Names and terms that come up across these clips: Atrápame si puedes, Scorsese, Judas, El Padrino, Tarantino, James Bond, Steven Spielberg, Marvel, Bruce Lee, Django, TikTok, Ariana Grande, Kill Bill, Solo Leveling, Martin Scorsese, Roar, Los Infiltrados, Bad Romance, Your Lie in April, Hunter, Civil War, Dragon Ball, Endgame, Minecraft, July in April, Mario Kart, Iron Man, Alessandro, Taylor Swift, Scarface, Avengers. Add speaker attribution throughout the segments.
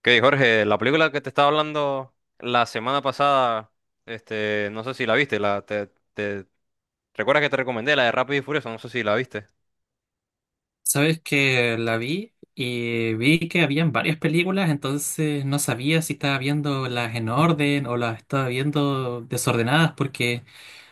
Speaker 1: Ok, Jorge, la película que te estaba hablando la semana pasada, no sé si la viste, te- ¿recuerdas que te recomendé la de Rápido y Furioso? No sé si la viste.
Speaker 2: Sabes que la vi y vi que habían varias películas, entonces no sabía si estaba viendo las en orden o las estaba viendo desordenadas porque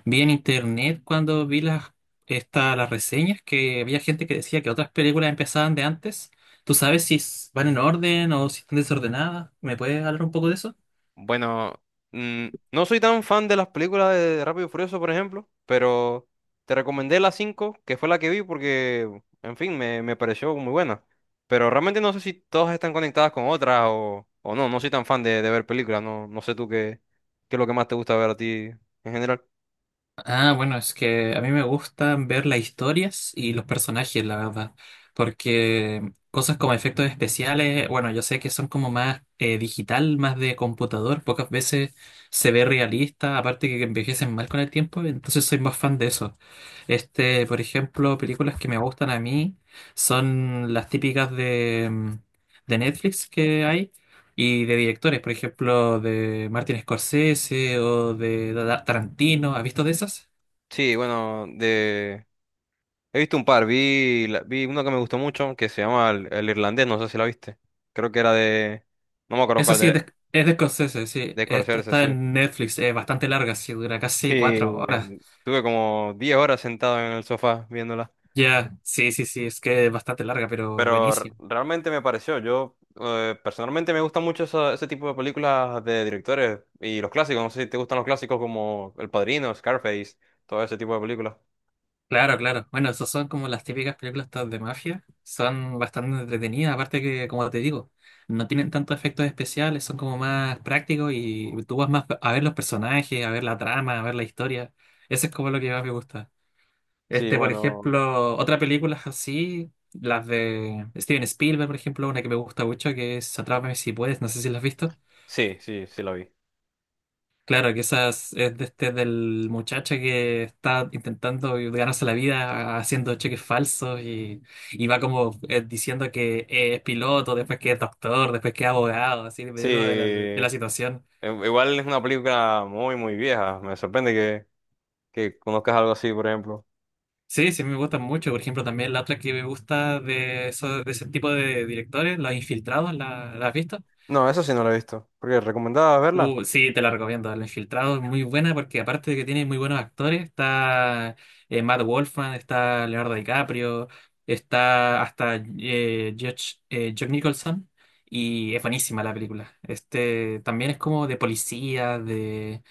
Speaker 2: vi en internet cuando vi las las reseñas que había gente que decía que otras películas empezaban de antes. ¿Tú sabes si van en orden o si están desordenadas? ¿Me puedes hablar un poco de eso?
Speaker 1: Bueno, mm, no soy tan fan de las películas de Rápido y Furioso, por ejemplo, pero te recomendé la 5 que fue la que vi porque, en fin, me pareció muy buena. Pero realmente no sé si todas están conectadas con otras o no, no soy tan fan de ver películas, no sé tú qué es lo que más te gusta ver a ti en general.
Speaker 2: Ah, bueno, es que a mí me gustan ver las historias y los personajes, la verdad, porque cosas como efectos especiales, bueno, yo sé que son como más digital, más de computador, pocas veces se ve realista, aparte que envejecen mal con el tiempo, entonces soy más fan de eso. Este, por ejemplo, películas que me gustan a mí son las típicas de, de Netflix que hay. Y de directores, por ejemplo, de Martin Scorsese o de Tarantino, ¿has visto de esas?
Speaker 1: Sí, bueno. He visto un par, vi uno que me gustó mucho, que se llama el Irlandés, no sé si la viste. Creo que era no me acuerdo
Speaker 2: Eso
Speaker 1: cuál,
Speaker 2: sí, es de, es de Scorsese, sí.
Speaker 1: de
Speaker 2: Esta
Speaker 1: Scorsese,
Speaker 2: está
Speaker 1: sí.
Speaker 2: en Netflix, es bastante larga, sí, dura casi
Speaker 1: Y
Speaker 2: cuatro horas.
Speaker 1: tuve como 10 horas sentado en el sofá viéndola.
Speaker 2: Ya, sí, sí, sí, es que es bastante larga, pero
Speaker 1: Pero
Speaker 2: buenísimo.
Speaker 1: realmente me pareció, yo personalmente me gusta mucho ese tipo de películas de directores y los clásicos, no sé si te gustan los clásicos como El Padrino, Scarface, todo ese tipo de películas.
Speaker 2: Claro, claro. Bueno, esas son como las típicas películas estas de mafia. Son bastante entretenidas, aparte que, como te digo, no tienen tantos efectos especiales, son como más prácticos y tú vas más a ver los personajes, a ver la trama, a ver la historia. Eso es como lo que más me gusta.
Speaker 1: Sí,
Speaker 2: Este, por
Speaker 1: bueno,
Speaker 2: ejemplo, otras películas así, las de Steven Spielberg, por ejemplo, una que me gusta mucho, que es Atrápame si puedes, no sé si la has visto.
Speaker 1: sí, sí, sí la vi.
Speaker 2: Claro, que esas es de este del muchacho que está intentando ganarse la vida haciendo cheques falsos y va como diciendo que es piloto, después que es doctor, después que es abogado, así
Speaker 1: Sí,
Speaker 2: dependiendo de la situación.
Speaker 1: igual es una película muy, muy vieja, me sorprende que conozcas algo así, por ejemplo.
Speaker 2: Sí, sí, me gustan mucho. Por ejemplo, también la otra que me gusta de ese tipo de directores, Los Infiltrados, ¿la has visto?
Speaker 1: No, eso sí no lo he visto. Porque recomendaba verla.
Speaker 2: Sí, te la recomiendo. El Infiltrado es muy buena porque aparte de que tiene muy buenos actores, está Matt Wolfman, está Leonardo DiCaprio, está hasta Josh, Jack Nicholson y es buenísima la película. Este también es como de policía,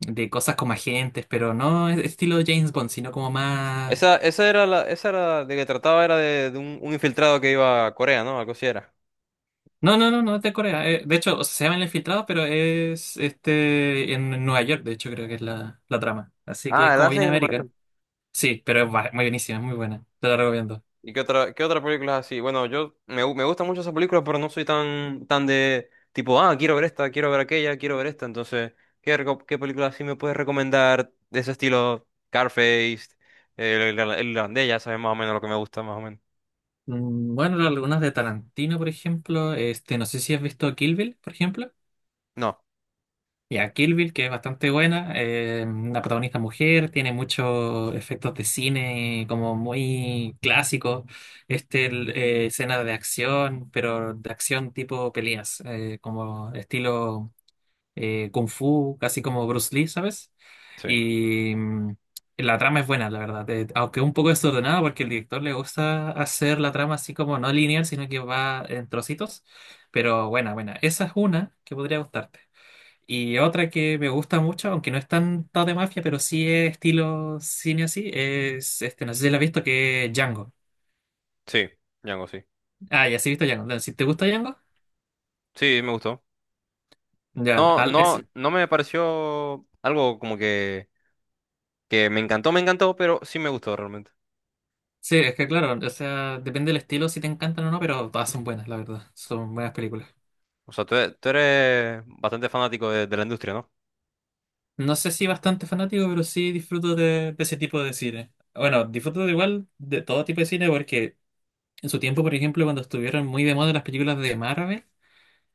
Speaker 2: de cosas como agentes, pero no es estilo James Bond, sino como más...
Speaker 1: Esa era de que trataba era de un infiltrado que iba a Corea, ¿no? Algo así era.
Speaker 2: No, no, no, no es de Corea. De hecho, o sea, se llama El Infiltrado, pero es este en Nueva York, de hecho creo que es la trama. Así que es
Speaker 1: Ah, la
Speaker 2: como viene
Speaker 1: hacen. No,
Speaker 2: América.
Speaker 1: bueno.
Speaker 2: Sí, pero es muy buenísima, es muy buena. Te la recomiendo.
Speaker 1: ¿Y qué otra película es así? Bueno, yo me gustan mucho esas películas, pero no soy tan de tipo, ah, quiero ver esta, quiero ver aquella, quiero ver esta. Entonces, ¿ qué película así me puedes recomendar de ese estilo? Carface, el irlandés, ya sabes más o menos lo que me gusta, más o menos.
Speaker 2: Mm, bueno, algunas de Tarantino, por ejemplo. Este, no sé si has visto Kill Bill, por ejemplo.
Speaker 1: No,
Speaker 2: Ya, Kill Bill, que es bastante buena. Eh, una protagonista mujer, tiene muchos efectos de cine como muy clásicos. Escenas de acción, pero de acción tipo peleas, como estilo. Kung Fu, casi como Bruce Lee, ¿sabes?
Speaker 1: sí,
Speaker 2: Y la trama es buena, la verdad, aunque un poco desordenada porque el director le gusta hacer la trama así como no lineal, sino que va en trocitos, pero buena, buena. Esa es una que podría gustarte. Y otra que me gusta mucho, aunque no es tanto de mafia, pero sí es estilo cine así, no sé si la has visto, que es Django.
Speaker 1: sí, Django, sí.
Speaker 2: Ah, ya sí he visto Django. Entonces, si te gusta Django,
Speaker 1: Sí, me gustó.
Speaker 2: ya,
Speaker 1: No, no, no me pareció algo como que me encantó, pero sí me gustó realmente.
Speaker 2: sí, es que claro, o sea, depende del estilo si te encantan o no, pero todas son buenas, la verdad. Son buenas películas.
Speaker 1: O sea, tú, tú eres bastante fanático de la industria, ¿no?
Speaker 2: No sé si bastante fanático, pero sí disfruto de ese tipo de cine. Bueno, disfruto de igual de todo tipo de cine porque en su tiempo, por ejemplo, cuando estuvieron muy de moda las películas de Marvel,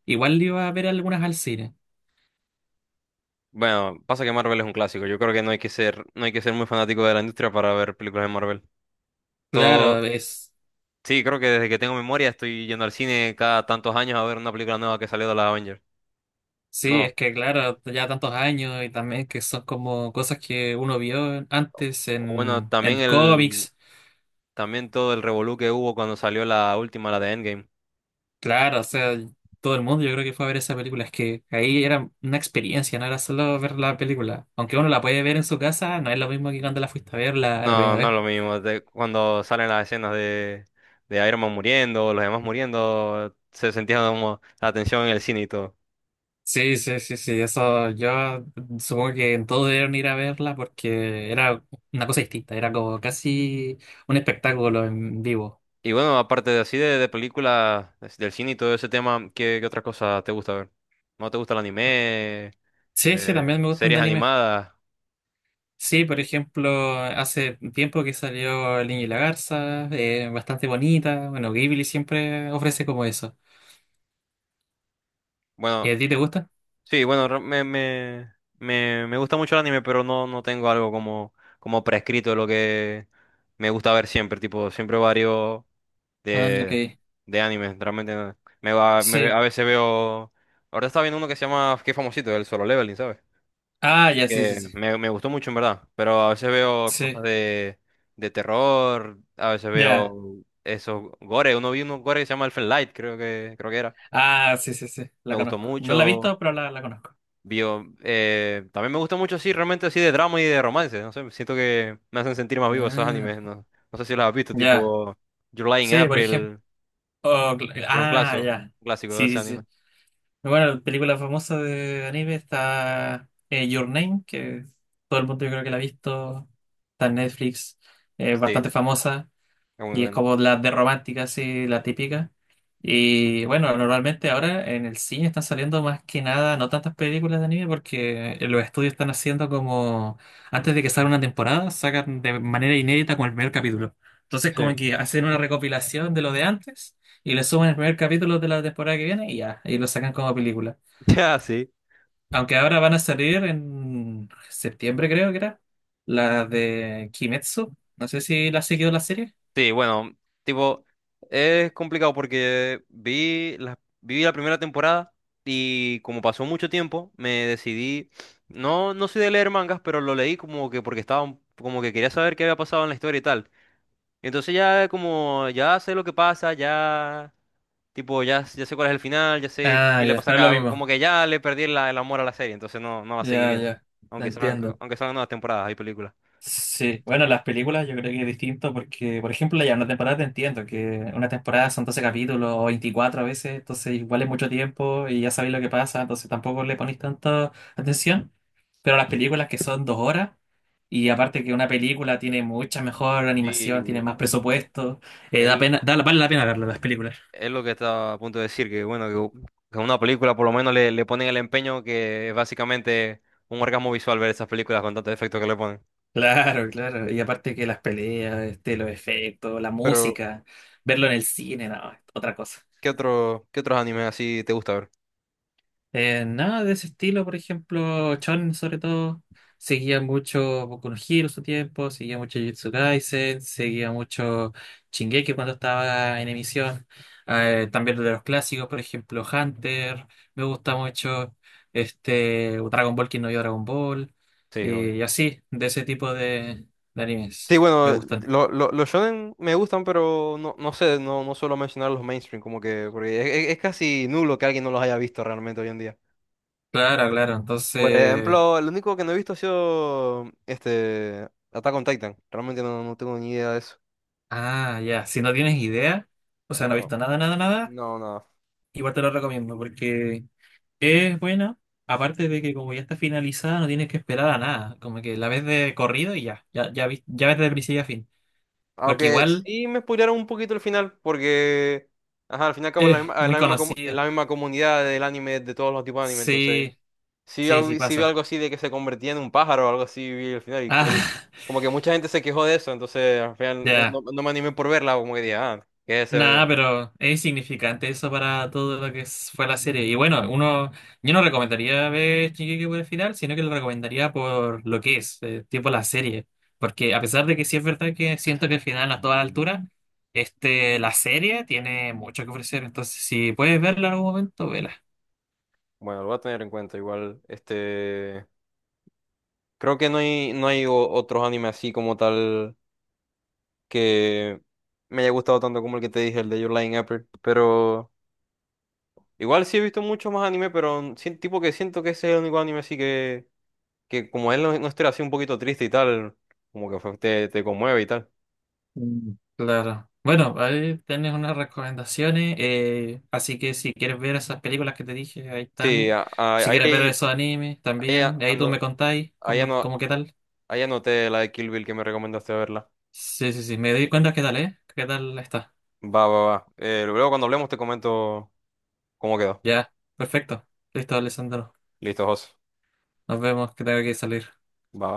Speaker 2: igual iba a ver algunas al cine.
Speaker 1: Bueno, pasa que Marvel es un clásico. Yo creo que no hay que ser, no hay que ser muy fanático de la industria para ver películas de Marvel. Todo,
Speaker 2: Claro, es...
Speaker 1: sí, creo que desde que tengo memoria estoy yendo al cine cada tantos años a ver una película nueva que salió de la Avengers.
Speaker 2: Sí,
Speaker 1: No.
Speaker 2: es que claro, ya tantos años y también que son como cosas que uno vio antes
Speaker 1: O bueno,
Speaker 2: en cómics.
Speaker 1: también todo el revolú que hubo cuando salió la última, la de Endgame.
Speaker 2: Claro, o sea, todo el mundo yo creo que fue a ver esa película. Es que ahí era una experiencia, no era solo ver la película. Aunque uno la puede ver en su casa, no es lo mismo que cuando la fuiste a ver la primera
Speaker 1: No, no es
Speaker 2: vez.
Speaker 1: lo mismo. Cuando salen las escenas de Iron Man muriendo, los demás muriendo, se sentía como la tensión en el cine y todo.
Speaker 2: Sí, sí, sí, sí, eso yo supongo que todos debieron ir a verla porque era una cosa distinta, era como casi un espectáculo en vivo.
Speaker 1: Y bueno, aparte de así de películas, del cine y todo ese tema, qué otra cosa te gusta ver? ¿No te gusta el anime?
Speaker 2: Sí, sí,
Speaker 1: ¿
Speaker 2: también me gustan de
Speaker 1: series
Speaker 2: anime.
Speaker 1: animadas?
Speaker 2: Sí, por ejemplo, hace tiempo que salió El Niño y la Garza, bastante bonita. Bueno, Ghibli siempre ofrece como eso. ¿Y
Speaker 1: Bueno,
Speaker 2: a ti te gusta?
Speaker 1: sí, bueno, me gusta mucho el anime, pero no tengo algo como prescrito de lo que me gusta ver siempre. Tipo, siempre varios.
Speaker 2: Ah,
Speaker 1: De
Speaker 2: ok.
Speaker 1: de anime, realmente no. A
Speaker 2: Sí.
Speaker 1: veces veo. Ahora estaba viendo uno que se llama, que es famosito, el Solo Leveling, ¿sabes?
Speaker 2: Ah, ya, sí, sí,
Speaker 1: Que
Speaker 2: sí.
Speaker 1: me gustó mucho en verdad, pero a veces veo cosas
Speaker 2: Sí,
Speaker 1: de terror, a veces
Speaker 2: ya.
Speaker 1: veo esos gore, uno vi unos gore que se llama Elfen Light, creo que era.
Speaker 2: Ah, sí, sí, sí.
Speaker 1: Me
Speaker 2: La
Speaker 1: gustó
Speaker 2: conozco. No la he
Speaker 1: mucho.
Speaker 2: visto, pero la conozco.
Speaker 1: Vio, también me gusta mucho así, realmente así de drama y de romance, no sé, siento que me hacen sentir más vivo esos animes,
Speaker 2: Ah,
Speaker 1: no sé si los has visto,
Speaker 2: ya.
Speaker 1: tipo July in
Speaker 2: Sí, por ejemplo.
Speaker 1: April, que es
Speaker 2: Ah, ya.
Speaker 1: un clásico de ese
Speaker 2: Sí, sí,
Speaker 1: anime.
Speaker 2: sí. Bueno, película famosa de anime está Your Name, que todo el mundo yo creo que la ha visto. Está en Netflix. Es
Speaker 1: Sí,
Speaker 2: bastante famosa.
Speaker 1: es muy
Speaker 2: Y es
Speaker 1: bueno.
Speaker 2: como las de romántica, así, la típica. Y bueno, normalmente ahora en el cine están saliendo más que nada, no tantas películas de anime, porque los estudios están haciendo como, antes de que salga una temporada, sacan de manera inédita con el primer capítulo. Entonces
Speaker 1: Sí.
Speaker 2: como que hacen una recopilación de lo de antes y le suman el primer capítulo de la temporada que viene y ya, y lo sacan como película.
Speaker 1: Ya, sí.
Speaker 2: Aunque ahora van a salir en septiembre, creo que era, la de Kimetsu. No sé si la has seguido la serie.
Speaker 1: Sí, bueno, tipo, es complicado porque vi la primera temporada y como pasó mucho tiempo, me decidí, no soy de leer mangas, pero lo leí como que porque estaba, como que quería saber qué había pasado en la historia y tal. Entonces ya como, ya sé lo que pasa, ya, tipo, ya sé cuál es el final, ya sé
Speaker 2: Ah,
Speaker 1: qué le
Speaker 2: ya,
Speaker 1: pasa a
Speaker 2: no es lo
Speaker 1: cada, como
Speaker 2: mismo.
Speaker 1: que ya le perdí el amor a la serie, entonces no va a seguir
Speaker 2: Ya,
Speaker 1: viendo.
Speaker 2: ya, te entiendo.
Speaker 1: Aunque salgan nuevas temporadas, hay películas.
Speaker 2: Sí, bueno, las películas yo creo que es distinto porque, por ejemplo, ya una temporada te entiendo, que una temporada son 12 capítulos o 24 a veces, entonces igual es mucho tiempo y ya sabéis lo que pasa, entonces tampoco le ponéis tanta atención. Pero las películas que son 2 horas, y aparte que una película tiene mucha mejor animación, tiene
Speaker 1: Sí,
Speaker 2: más presupuesto,
Speaker 1: él
Speaker 2: da, vale la pena verlas las películas.
Speaker 1: es lo que estaba a punto de decir, que bueno, que una película por lo menos le ponen el empeño que es básicamente un orgasmo visual ver esas películas con tantos efectos que le ponen.
Speaker 2: Claro, claro. Y aparte que las peleas, este, los efectos, la
Speaker 1: Pero,
Speaker 2: música, verlo en el cine, no, es otra cosa.
Speaker 1: qué otros animes así te gusta ver?
Speaker 2: Nada de ese estilo, por ejemplo, Chon sobre todo, seguía mucho Boku no Hero en su tiempo, seguía mucho Jujutsu Kaisen, seguía mucho Shingeki cuando estaba en emisión, también de los clásicos, por ejemplo, Hunter, me gusta mucho, Dragon Ball, quien no vio Dragon Ball,
Speaker 1: Sí, obvio.
Speaker 2: y así, de ese tipo de
Speaker 1: Sí,
Speaker 2: animes, me
Speaker 1: bueno,
Speaker 2: gustan.
Speaker 1: los shonen me gustan, pero no sé, no suelo mencionar los mainstream, como que, porque es casi nulo que alguien no los haya visto realmente hoy en día.
Speaker 2: Claro, claro,
Speaker 1: Por
Speaker 2: entonces,
Speaker 1: ejemplo, el único que no he visto ha sido este Attack on Titan. Realmente no tengo ni idea de eso.
Speaker 2: ah, ya, si no tienes idea, o sea, no has
Speaker 1: No,
Speaker 2: visto nada, nada, nada.
Speaker 1: no, no.
Speaker 2: Igual te lo recomiendo porque es buena, aparte de que como ya está finalizada, no tienes que esperar a nada. Como que la ves de corrido y ya, ya, ya, ya ves de principio a fin. Porque
Speaker 1: Aunque
Speaker 2: igual
Speaker 1: sí me spoilearon un poquito el final, porque ajá, al final y al cabo es la
Speaker 2: es
Speaker 1: misma,
Speaker 2: muy
Speaker 1: es
Speaker 2: conocido.
Speaker 1: la misma comunidad del anime, de todos los tipos de anime, entonces
Speaker 2: Sí, sí, sí
Speaker 1: sí vi
Speaker 2: pasa.
Speaker 1: algo así de que se convertía en un pájaro o algo así, vi el final, y creo que
Speaker 2: Ah,
Speaker 1: como que mucha gente se quejó de eso, entonces al final
Speaker 2: ya.
Speaker 1: no me animé por verla, como que dije, ah, que
Speaker 2: Nada,
Speaker 1: ese,
Speaker 2: pero es significante eso para todo lo fue la serie. Y bueno, uno, yo no recomendaría ver Shingeki por el final, sino que lo recomendaría por lo que es, tipo la serie. Porque a pesar de que sí es verdad que siento que el final a toda altura, la serie tiene mucho que ofrecer. Entonces, si puedes verla en algún momento, vela.
Speaker 1: bueno, lo voy a tener en cuenta igual, creo que no hay otros animes así como tal que me haya gustado tanto como el que te dije, el de Your Lie in April, pero. Igual sí he visto mucho más anime, pero tipo que siento que ese es el único anime así que como él no esté así un poquito triste y tal, como que te conmueve y tal.
Speaker 2: Mm, claro. Bueno, ahí tienes unas recomendaciones. Eh, así que si quieres ver esas películas que te dije, ahí
Speaker 1: Sí,
Speaker 2: están. Si quieres ver esos animes
Speaker 1: ahí,
Speaker 2: también, ahí tú
Speaker 1: ano-
Speaker 2: me contáis
Speaker 1: ahí,
Speaker 2: cómo,
Speaker 1: ano-
Speaker 2: cómo qué tal.
Speaker 1: ahí anoté la de Kill Bill que me recomendaste verla.
Speaker 2: Sí, sí, sí. Me doy cuenta qué tal, ¿eh? ¿Qué tal está?
Speaker 1: Va, va, va. Luego cuando hablemos te comento cómo quedó.
Speaker 2: Ya, perfecto. Listo, Alessandro.
Speaker 1: Listo, José.
Speaker 2: Nos vemos, que tengo que salir.
Speaker 1: Va.